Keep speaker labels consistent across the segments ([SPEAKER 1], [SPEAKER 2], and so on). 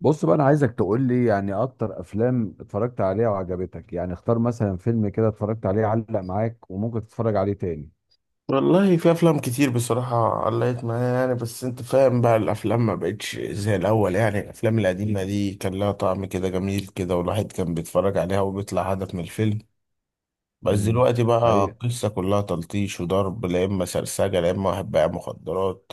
[SPEAKER 1] بص بقى انا عايزك تقول لي يعني اكتر افلام اتفرجت عليها وعجبتك، يعني اختار مثلا فيلم كده اتفرجت عليه علق معاك وممكن تتفرج عليه تاني.
[SPEAKER 2] والله في افلام كتير، بصراحة علقت معايا، يعني بس انت فاهم بقى الافلام ما بقتش زي الاول. يعني الافلام القديمة دي كان لها طعم كده جميل كده، والواحد كان بيتفرج عليها وبيطلع هدف من الفيلم. بس
[SPEAKER 1] امم.
[SPEAKER 2] دلوقتي بقى
[SPEAKER 1] حقيقة.
[SPEAKER 2] القصة كلها تلطيش وضرب، لا اما سرسجة، لا اما واحد بايع مخدرات،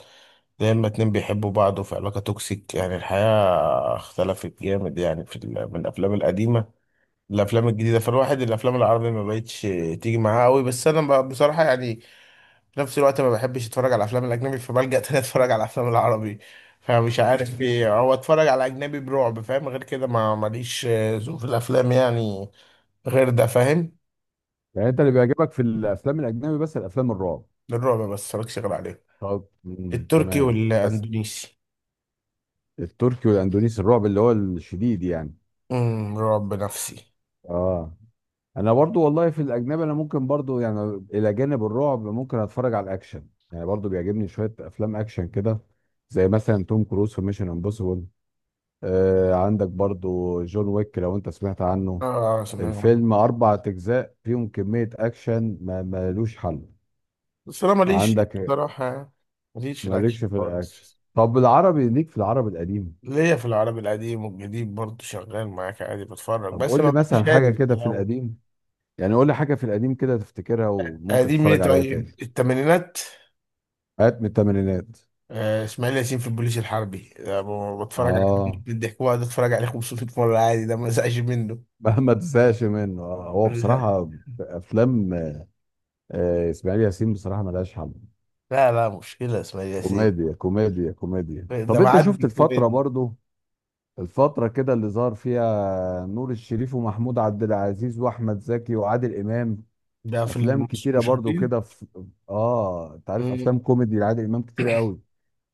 [SPEAKER 2] لا اما اتنين بيحبوا بعض وفي علاقة توكسيك. يعني الحياة اختلفت جامد، يعني من الافلام القديمة الافلام الجديدة. فالواحد الافلام العربية ما بقتش تيجي معاه قوي. بس انا بقى بصراحة، يعني في نفس الوقت ما بحبش اتفرج على الافلام الاجنبي، فبلجأ تاني اتفرج على الافلام العربي. فمش عارف ايه هو، اتفرج على اجنبي برعب، فاهم؟ غير كده ما ماليش ذوق في الافلام، يعني غير ده، فاهم؟
[SPEAKER 1] يعني انت اللي بيعجبك في الافلام الاجنبي بس الافلام الرعب؟
[SPEAKER 2] الرعب بس اتفرجش غير عليه.
[SPEAKER 1] طب
[SPEAKER 2] التركي
[SPEAKER 1] تمام بس
[SPEAKER 2] والاندونيسي.
[SPEAKER 1] التركي والاندونيسي الرعب اللي هو الشديد يعني؟
[SPEAKER 2] رعب نفسي.
[SPEAKER 1] اه. انا برضو والله في الاجنبي انا ممكن برضو يعني الى جانب الرعب ممكن اتفرج على الاكشن، يعني برضو بيعجبني شوية افلام اكشن كده، زي مثلا توم كروز في ميشن امبوسيبل. عندك برضو جون ويك لو انت سمعت عنه.
[SPEAKER 2] اه سمعت عنه.
[SPEAKER 1] الفيلم 4 اجزاء فيهم كمية اكشن ما ملوش حل.
[SPEAKER 2] بس انا ماليش
[SPEAKER 1] عندك.
[SPEAKER 2] بصراحة، ماليش في الاكشن
[SPEAKER 1] مالكش في الاكشن.
[SPEAKER 2] خالص.
[SPEAKER 1] طب العربي ليك في العربي القديم؟
[SPEAKER 2] ليا في العربي القديم والجديد برضه، شغال معاك عادي بتفرج،
[SPEAKER 1] طب
[SPEAKER 2] بس
[SPEAKER 1] قول
[SPEAKER 2] ما
[SPEAKER 1] لي مثلا
[SPEAKER 2] بقاش
[SPEAKER 1] حاجة
[SPEAKER 2] هادي في
[SPEAKER 1] كده في
[SPEAKER 2] الاول.
[SPEAKER 1] القديم، يعني قول لي حاجة في القديم كده تفتكرها وممكن
[SPEAKER 2] قديم
[SPEAKER 1] تتفرج
[SPEAKER 2] ايه؟
[SPEAKER 1] عليها تاني.
[SPEAKER 2] طيب الثمانينات.
[SPEAKER 1] حاجات من الثمانينات.
[SPEAKER 2] اسماعيل ياسين في البوليس الحربي ده بتفرج عليه.
[SPEAKER 1] اه.
[SPEAKER 2] من الضحك بقعد اتفرج عليه 500 مرة عادي، ده ما زهقش منه.
[SPEAKER 1] مهما تزهقش منه هو
[SPEAKER 2] لا.
[SPEAKER 1] بصراحة افلام اسماعيل ياسين بصراحة ملهاش حل.
[SPEAKER 2] لا لا، مشكلة اسماعيل ياسين
[SPEAKER 1] كوميديا كوميديا كوميديا.
[SPEAKER 2] ده
[SPEAKER 1] طب انت
[SPEAKER 2] معدي
[SPEAKER 1] شفت الفترة
[SPEAKER 2] الكوميديا.
[SPEAKER 1] برضو؟ الفترة كده اللي ظهر فيها نور الشريف ومحمود عبد العزيز واحمد زكي وعادل امام،
[SPEAKER 2] ده في
[SPEAKER 1] افلام كتيرة برضو
[SPEAKER 2] المشاهدين.
[SPEAKER 1] كده في. اه، انت عارف
[SPEAKER 2] مم.
[SPEAKER 1] افلام كوميدي لعادل امام كتيرة قوي.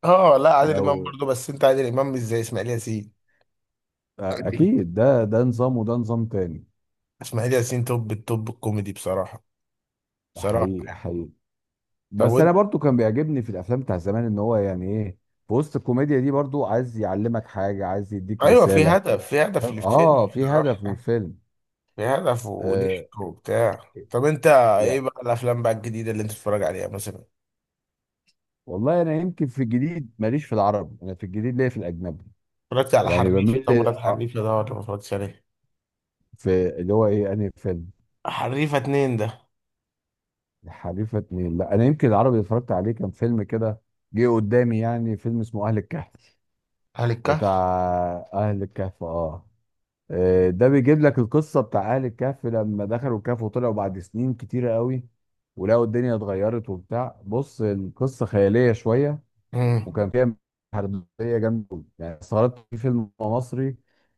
[SPEAKER 2] اه، لا عادل امام
[SPEAKER 1] لو،
[SPEAKER 2] برضه، بس انت عادل امام مش زي اسماعيل ياسين.
[SPEAKER 1] اكيد، ده نظام، وده نظام تاني.
[SPEAKER 2] اسماعيل ياسين توب التوب الكوميدي بصراحة،
[SPEAKER 1] ده
[SPEAKER 2] بصراحة.
[SPEAKER 1] حقيقي حقيقي.
[SPEAKER 2] طب
[SPEAKER 1] بس انا
[SPEAKER 2] وانت؟
[SPEAKER 1] برضو كان بيعجبني في الافلام بتاع زمان، ان هو يعني ايه، في وسط الكوميديا دي برضو عايز يعلمك حاجة، عايز يديك
[SPEAKER 2] ايوه، في
[SPEAKER 1] رسالة.
[SPEAKER 2] هدف في هدف
[SPEAKER 1] فاهم؟
[SPEAKER 2] للفيلم
[SPEAKER 1] اه، في هدف من
[SPEAKER 2] بصراحة.
[SPEAKER 1] الفيلم.
[SPEAKER 2] في هدف
[SPEAKER 1] آه.
[SPEAKER 2] وضحك وبتاع. طب انت ايه
[SPEAKER 1] يا،
[SPEAKER 2] بقى الافلام بقى الجديدة اللي انت بتتفرج عليها مثلا؟
[SPEAKER 1] والله انا يمكن في الجديد ماليش في العربي، انا في الجديد ليا في الاجنبي.
[SPEAKER 2] اتفرجت على
[SPEAKER 1] يعني
[SPEAKER 2] حريفة؟
[SPEAKER 1] بميل
[SPEAKER 2] طب اتفرجت حريفة ده ولا ما اتفرجتش عليه؟
[SPEAKER 1] في اللي هو ايه، انهي فيلم؟
[SPEAKER 2] حريفة اتنين ده.
[SPEAKER 1] الحريفه اتنين؟ لا، انا يمكن العربي اللي اتفرجت عليه كان فيلم كده جه قدامي، يعني فيلم اسمه اهل الكهف.
[SPEAKER 2] أهل
[SPEAKER 1] بتاع
[SPEAKER 2] الكهف.
[SPEAKER 1] اهل الكهف، اه. ده بيجيب لك القصه بتاع اهل الكهف لما دخلوا الكهف وطلعوا بعد سنين كتيره قوي، ولقوا الدنيا اتغيرت وبتاع، بص القصه خياليه شويه،
[SPEAKER 2] امم.
[SPEAKER 1] وكان فيها حربيه جامده أوي. يعني استغربت في فيلم مصري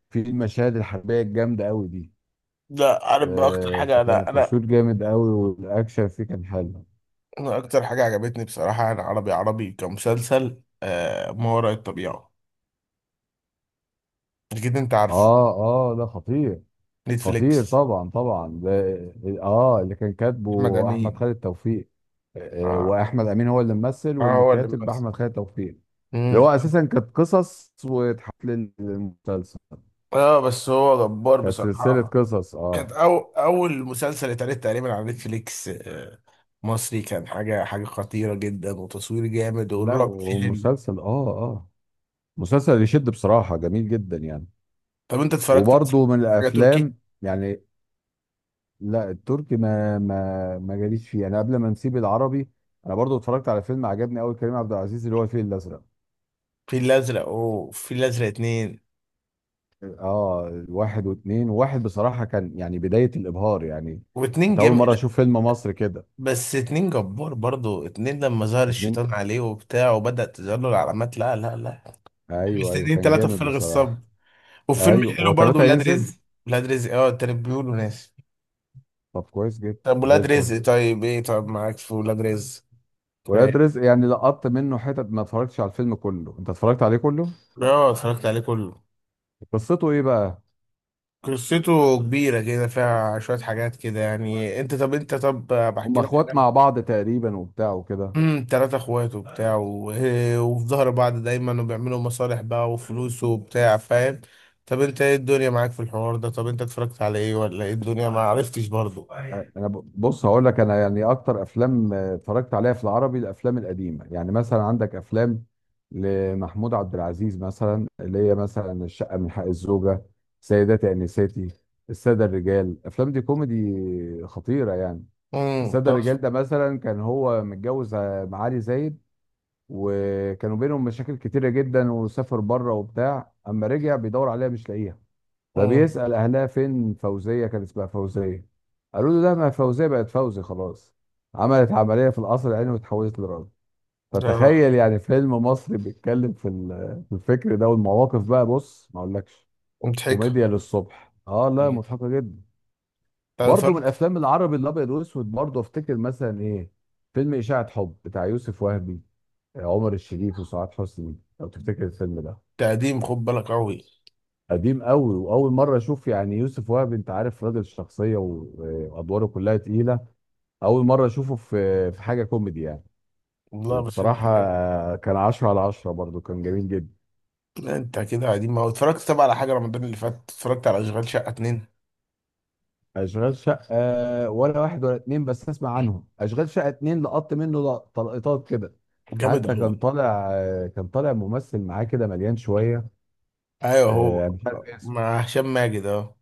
[SPEAKER 1] في المشاهد الحربيه الجامده قوي دي.
[SPEAKER 2] ده عارف بقى اكتر حاجة،
[SPEAKER 1] فكان
[SPEAKER 2] انا،
[SPEAKER 1] التصوير جامد قوي والاكشن فيه كان حلو.
[SPEAKER 2] أنا اكتر حاجة عجبتني بصراحة، انا عربي، عربي كمسلسل ما وراء الطبيعة. اكيد انت عارفه.
[SPEAKER 1] اه اه، ده خطير. خطير
[SPEAKER 2] نتفليكس.
[SPEAKER 1] طبعا طبعا. ده اه اللي كان
[SPEAKER 2] احمد
[SPEAKER 1] كاتبه احمد
[SPEAKER 2] امين.
[SPEAKER 1] خالد توفيق. آه آه،
[SPEAKER 2] اه
[SPEAKER 1] واحمد امين هو اللي ممثل،
[SPEAKER 2] اه،
[SPEAKER 1] واللي
[SPEAKER 2] هو اللي
[SPEAKER 1] كاتب
[SPEAKER 2] ممثل.
[SPEAKER 1] احمد خالد توفيق. اللي هو
[SPEAKER 2] امم.
[SPEAKER 1] اساسا كانت قصص واتحط للمسلسل،
[SPEAKER 2] اه بس هو جبار
[SPEAKER 1] كانت سلسله
[SPEAKER 2] بصراحة.
[SPEAKER 1] قصص،
[SPEAKER 2] كانت
[SPEAKER 1] اه.
[SPEAKER 2] اول مسلسل اتعرض تقريبا على نتفليكس مصري، كان حاجة خطيرة جدا، وتصوير جامد،
[SPEAKER 1] لا
[SPEAKER 2] والرعب فيه حلو.
[SPEAKER 1] ومسلسل، اه اه، مسلسل يشد بصراحه، جميل جدا يعني.
[SPEAKER 2] طب انت اتفرجت مثلا على
[SPEAKER 1] وبرضه من
[SPEAKER 2] حاجه تركي؟
[SPEAKER 1] الافلام يعني. لا، التركي ما جاليش فيه، انا قبل ما نسيب العربي، انا برضو اتفرجت على فيلم عجبني قوي كريم عبد العزيز اللي هو الفيل الازرق،
[SPEAKER 2] في الازرق، وفي الازرق اتنين.
[SPEAKER 1] اه، واحد واثنين. واحد بصراحه كان يعني بدايه الابهار يعني،
[SPEAKER 2] واتنين
[SPEAKER 1] انت
[SPEAKER 2] جم،
[SPEAKER 1] اول مره
[SPEAKER 2] لا
[SPEAKER 1] اشوف فيلم مصري كده.
[SPEAKER 2] بس اتنين جبار برضو. اتنين لما ظهر
[SPEAKER 1] اتنين،
[SPEAKER 2] الشيطان عليه وبتاع، وبدأت تظهر له العلامات، لا لا لا.
[SPEAKER 1] ايوه ايوه
[SPEAKER 2] مستنيين
[SPEAKER 1] كان
[SPEAKER 2] تلاتة
[SPEAKER 1] جامد
[SPEAKER 2] بفارغ الصبر.
[SPEAKER 1] بصراحه.
[SPEAKER 2] والفيلم
[SPEAKER 1] ايوه
[SPEAKER 2] الحلو
[SPEAKER 1] هو
[SPEAKER 2] برضو
[SPEAKER 1] ثلاثه
[SPEAKER 2] ولاد
[SPEAKER 1] ينزل.
[SPEAKER 2] رزق. ولاد رزق، اه، التاني بيقولوا ناس.
[SPEAKER 1] طب كويس جدا.
[SPEAKER 2] طب
[SPEAKER 1] زي
[SPEAKER 2] ولاد
[SPEAKER 1] الفل.
[SPEAKER 2] رزق طيب، ايه؟ طب معاك في ولاد رزق؟
[SPEAKER 1] ولاد
[SPEAKER 2] طيب.
[SPEAKER 1] رزق، يعني لقطت منه حتت، ما اتفرجتش على الفيلم كله. انت اتفرجت عليه كله؟
[SPEAKER 2] اه اتفرجت عليه كله.
[SPEAKER 1] قصته ايه بقى؟
[SPEAKER 2] قصته كبيرة كده، فيها شوية حاجات كده، يعني انت طب
[SPEAKER 1] هم
[SPEAKER 2] بحكي لك
[SPEAKER 1] اخوات
[SPEAKER 2] حاجة.
[SPEAKER 1] مع بعض تقريبا وبتاع وكده.
[SPEAKER 2] تلاتة اخوات وبتاع إيه، وفي ظهر بعض دايما، وبيعملوا مصالح بقى وفلوس وبتاع، فاهم؟ طب انت ايه الدنيا معاك في الحوار ده؟ طب انت اتفرجت على ايه ولا ايه الدنيا، ما عرفتش برضو؟
[SPEAKER 1] انا بص، هقول لك، انا يعني اكتر افلام اتفرجت عليها في العربي الافلام القديمه، يعني مثلا عندك افلام لمحمود عبد العزيز مثلا اللي هي مثلا الشقه من حق الزوجه، سيداتي انساتي، الساده الرجال. الافلام دي كوميدي خطيره يعني. الساده
[SPEAKER 2] طب.
[SPEAKER 1] الرجال ده مثلا كان هو متجوز معالي زايد، وكانوا بينهم مشاكل كتيره جدا، وسافر بره وبتاع، اما رجع بيدور عليها مش لاقيها،
[SPEAKER 2] امم
[SPEAKER 1] فبيسأل أهلها فين فوزية، كان اسمها فوزية. قالوا له لا، ما فوزية بقت فوزي خلاص، عملت عملية في القصر العيني واتحولت لراجل.
[SPEAKER 2] ده
[SPEAKER 1] فتخيل يعني فيلم مصري بيتكلم في في الفكر ده! والمواقف بقى، بص، ما اقولكش،
[SPEAKER 2] مضحكة.
[SPEAKER 1] كوميديا للصبح. اه لا، مضحكة جدا.
[SPEAKER 2] طب
[SPEAKER 1] برضه من
[SPEAKER 2] اتفرجت؟
[SPEAKER 1] افلام العربي الابيض والاسود، برضه افتكر مثلا ايه، فيلم اشاعة حب بتاع يوسف وهبي، عمر الشريف وسعاد حسني، لو تفتكر الفيلم ده،
[SPEAKER 2] قديم، خد بالك قوي.
[SPEAKER 1] قديم قوي. واول مره اشوف يعني يوسف وهب، انت عارف راجل شخصيه وادواره كلها تقيله، اول مره اشوفه في حاجه كوميدي يعني.
[SPEAKER 2] والله بحب
[SPEAKER 1] وبصراحه
[SPEAKER 2] الهلال.
[SPEAKER 1] كان 10/10، برضو كان جميل جدا.
[SPEAKER 2] لا انت كده قديم أوي. اتفرجت طب على حاجة رمضان اللي فات؟ اتفرجت على اشغال شقة اتنين؟
[SPEAKER 1] اشغال شقه ولا واحد ولا اتنين، بس اسمع عنهم. اشغال شقه اتنين، لقط منه تلقيطات كده.
[SPEAKER 2] جامد
[SPEAKER 1] حتى
[SPEAKER 2] قوي.
[SPEAKER 1] كان طالع ممثل معاه كده مليان شويه،
[SPEAKER 2] ايوه هو.
[SPEAKER 1] مش عارف اسمه،
[SPEAKER 2] مع هشام ماجد اهو.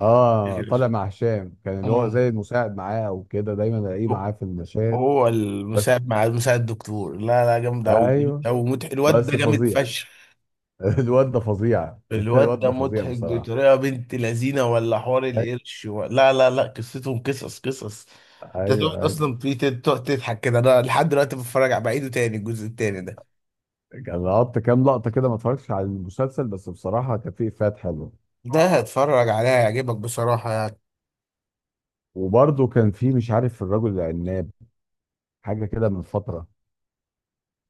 [SPEAKER 1] اه، طالع مع هشام، كان اللي هو
[SPEAKER 2] أمم.
[SPEAKER 1] زي المساعد معاه او كده، دايما الاقيه معاه في المشاهد.
[SPEAKER 2] هو
[SPEAKER 1] بس،
[SPEAKER 2] المساعد مع مساعد الدكتور، لا لا، جامد قوي جامد
[SPEAKER 1] ايوه.
[SPEAKER 2] قوي، مضحك الواد ده،
[SPEAKER 1] بس
[SPEAKER 2] جامد
[SPEAKER 1] فظيع.
[SPEAKER 2] فشخ.
[SPEAKER 1] الواد ده فظيع.
[SPEAKER 2] الواد
[SPEAKER 1] الواد
[SPEAKER 2] ده
[SPEAKER 1] ده فظيع
[SPEAKER 2] مضحك
[SPEAKER 1] بصراحه.
[SPEAKER 2] بطريقه. بنت لذينه، ولا حوار
[SPEAKER 1] أي-
[SPEAKER 2] القرش و، لا لا لا، قصتهم قصص قصص. انت
[SPEAKER 1] ايوه
[SPEAKER 2] تقعد
[SPEAKER 1] ايوه،
[SPEAKER 2] اصلا في تقعد تضحك كده. انا لحد دلوقتي بتفرج على بعيده تاني، الجزء التاني ده.
[SPEAKER 1] كان لقطت كام لقطه كده، ما اتفرجتش على المسلسل، بس بصراحه كان فيه افيهات حلوه.
[SPEAKER 2] ده هتفرج عليها هيعجبك بصراحه، يعني.
[SPEAKER 1] وبرده كان فيه، مش عارف، الرجل العناب، حاجه كده من فتره،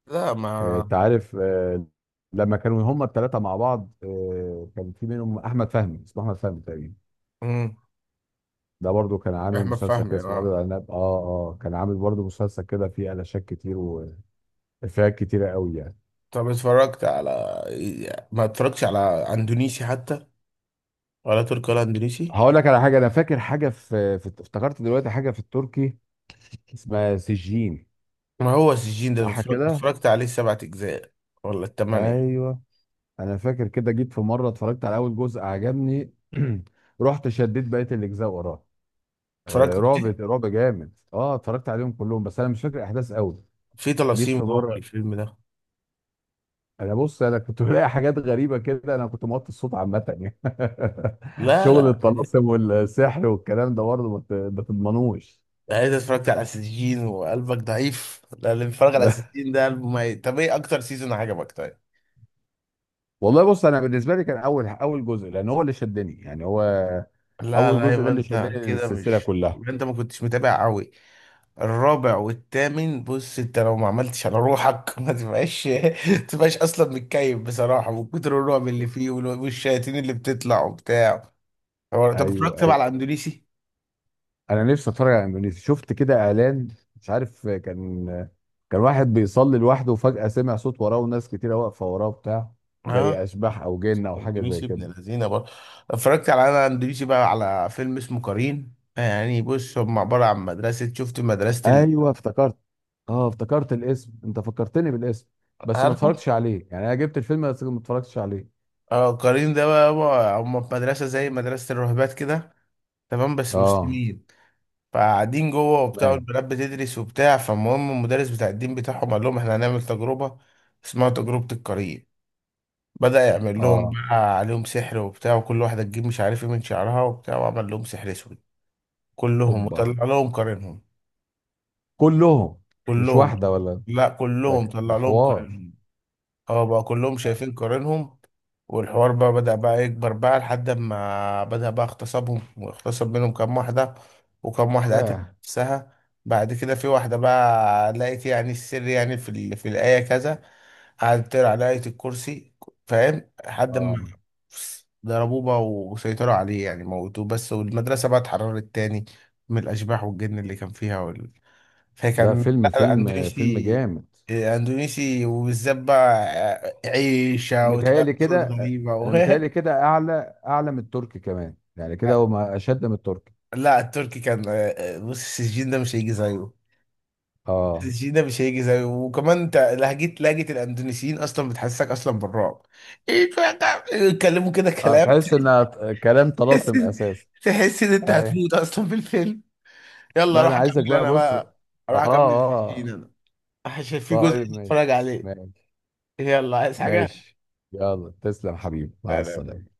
[SPEAKER 2] لا ما.
[SPEAKER 1] انت عارف، لما كانوا هما الثلاثه مع بعض، كان في منهم احمد فهمي، اسمه احمد فهمي تقريبا.
[SPEAKER 2] مم.
[SPEAKER 1] ده برضو كان عامل
[SPEAKER 2] احمد
[SPEAKER 1] مسلسل كده
[SPEAKER 2] فهمي،
[SPEAKER 1] اسمه رجل
[SPEAKER 2] اه.
[SPEAKER 1] العناب، اه. اه، كان عامل برضو مسلسل كده فيه علاشات كتير وافيهات كتيره قوي يعني.
[SPEAKER 2] طب اتفرجت على إيه؟ ما اتفرجتش على اندونيسي حتى؟ ولا تركي، ولا اندونيسي.
[SPEAKER 1] هقول لك على حاجه، انا فاكر حاجه في, في افتكرت دلوقتي حاجه في التركي، اسمها سجين.
[SPEAKER 2] ما هو السجين ده
[SPEAKER 1] صح
[SPEAKER 2] اتفرجت
[SPEAKER 1] كده،
[SPEAKER 2] اتفرجت عليه سبعة أجزاء، ولا التمانية.
[SPEAKER 1] ايوه. انا فاكر كده، جيت في مره اتفرجت على اول جزء عجبني. رحت شديت بقيه الاجزاء وراه.
[SPEAKER 2] اتفرجت
[SPEAKER 1] رعب
[SPEAKER 2] عليه؟
[SPEAKER 1] رعب جامد، اه، اتفرجت عليهم كلهم، بس انا مش فاكر احداث قوي.
[SPEAKER 2] في
[SPEAKER 1] جيت
[SPEAKER 2] طلاسيم
[SPEAKER 1] في
[SPEAKER 2] جوه
[SPEAKER 1] مره،
[SPEAKER 2] الفيلم ده.
[SPEAKER 1] انا بص، انا كنت بلاقي حاجات غريبه كده، انا كنت موطي الصوت عامه يعني.
[SPEAKER 2] لا
[SPEAKER 1] شغل
[SPEAKER 2] لا، يعني
[SPEAKER 1] الطلاسم والسحر والكلام ده برضه ما تضمنوش.
[SPEAKER 2] انت اتفرجت على السجين وقلبك ضعيف؟ لا، اللي بيتفرج على السجين ده قلبه ميت. طب ايه أكتر سيزون عجبك طيب؟
[SPEAKER 1] والله بص، انا بالنسبه لي كان اول اول جزء، لان هو اللي شدني يعني، هو
[SPEAKER 2] لا
[SPEAKER 1] اول
[SPEAKER 2] لا،
[SPEAKER 1] جزء ده اللي شدني السلسله كلها.
[SPEAKER 2] يبقى انت ما كنتش متابع قوي. الرابع والثامن. بص انت لو ما عملتش على روحك، ما تبقاش ما تبقاش اصلا متكيف بصراحه، من كتر الرعب اللي فيه، والشياطين اللي بتطلع وبتاع. هو طب
[SPEAKER 1] ايوه
[SPEAKER 2] اتفرجت بقى
[SPEAKER 1] ايوه،
[SPEAKER 2] على الاندونيسي؟
[SPEAKER 1] انا نفسي اتفرج على اندونيسيا، شفت كده اعلان، مش عارف كان، كان واحد بيصلي لوحده وفجاه سمع صوت وراه وناس كتيره واقفه وراه بتاع، زي
[SPEAKER 2] ها.
[SPEAKER 1] اشباح او جن او حاجه زي
[SPEAKER 2] اندونيسي ابن
[SPEAKER 1] كده.
[SPEAKER 2] الذين برضه. اتفرجت على، انا اندونيسي بقى، على فيلم اسمه قرين. يعني بص، هم عباره عن مدرسه. شفت مدرسه
[SPEAKER 1] ايوه افتكرت. اه، افتكرت الاسم، انت فكرتني بالاسم، بس ما
[SPEAKER 2] عارفه؟
[SPEAKER 1] اتفرجتش عليه يعني، انا جبت الفيلم بس ما اتفرجتش عليه.
[SPEAKER 2] اه، قرين ده بقى، هم في مدرسه زي مدرسه الراهبات كده، تمام؟ بس
[SPEAKER 1] اه.
[SPEAKER 2] مسلمين. فقاعدين جوه وبتاع،
[SPEAKER 1] تمام.
[SPEAKER 2] والبنات بتدرس وبتاع. فالمهم المدرس بتاع الدين بتاعهم قال لهم احنا هنعمل تجربه، اسمها تجربه القرين. بدأ يعمل لهم
[SPEAKER 1] اه.
[SPEAKER 2] بقى عليهم سحر وبتاع، وكل واحدة تجيب مش عارف ايه من شعرها وبتاع، وعمل لهم سحر اسود كلهم،
[SPEAKER 1] هوبا.
[SPEAKER 2] وطلع لهم قرينهم.
[SPEAKER 1] كلهم. مش
[SPEAKER 2] كلهم.
[SPEAKER 1] واحدة ولا.
[SPEAKER 2] لا كلهم
[SPEAKER 1] ده
[SPEAKER 2] طلع لهم
[SPEAKER 1] حوار.
[SPEAKER 2] قرينهم. اه، بقى كلهم شايفين قرينهم. والحوار بقى بدأ بقى يكبر بقى، لحد ما بدأ بقى اغتصابهم، واغتصب منهم كام واحدة، وكام واحدة قتلت
[SPEAKER 1] ياه.
[SPEAKER 2] نفسها. بعد كده في واحدة بقى لقيت يعني السر، يعني في الآية كذا. قعدت تقرا على آية الكرسي، فاهم؟ لحد ما
[SPEAKER 1] آه.
[SPEAKER 2] ضربوه بقى وسيطروا عليه، يعني موتوه بس، والمدرسة بقى اتحررت تاني من الأشباح والجن اللي كان فيها.
[SPEAKER 1] لا،
[SPEAKER 2] فكان
[SPEAKER 1] فيلم
[SPEAKER 2] لا
[SPEAKER 1] فيلم فيلم
[SPEAKER 2] اندونيسي،
[SPEAKER 1] جامد.
[SPEAKER 2] اندونيسي وبالذات بقى عيشة
[SPEAKER 1] انا متهيألي
[SPEAKER 2] وتلاقي صوت
[SPEAKER 1] كده.
[SPEAKER 2] غريبة و.
[SPEAKER 1] اعلى، اعلى من التركي كمان يعني، كده هو، ما اشد من التركي.
[SPEAKER 2] لا التركي كان بص السجين ده مش هيجي زيه.
[SPEAKER 1] اه
[SPEAKER 2] السجين ده مش هيجي زيه، وكمان انت لهجة الاندونيسيين اصلا بتحسسك اصلا بالرعب. ايه بقى ده؟ يتكلموا كده
[SPEAKER 1] اه،
[SPEAKER 2] كلام
[SPEAKER 1] تحس ان كلام
[SPEAKER 2] تحس
[SPEAKER 1] طلاسم اساسا.
[SPEAKER 2] تحس ان انت
[SPEAKER 1] اي.
[SPEAKER 2] هتموت اصلا في الفيلم. يلا
[SPEAKER 1] لا،
[SPEAKER 2] اروح
[SPEAKER 1] انا عايزك
[SPEAKER 2] اكمل
[SPEAKER 1] بقى،
[SPEAKER 2] انا
[SPEAKER 1] بص، اه،
[SPEAKER 2] بقى. اروح اكمل في السجين
[SPEAKER 1] اه.
[SPEAKER 2] انا، عشان في جزء
[SPEAKER 1] طيب ماشي،
[SPEAKER 2] نتفرج عليه.
[SPEAKER 1] ماشي،
[SPEAKER 2] يلا عايز حاجة؟
[SPEAKER 1] ماشي. يلا تسلم حبيبي، مع
[SPEAKER 2] سلام.
[SPEAKER 1] السلامة.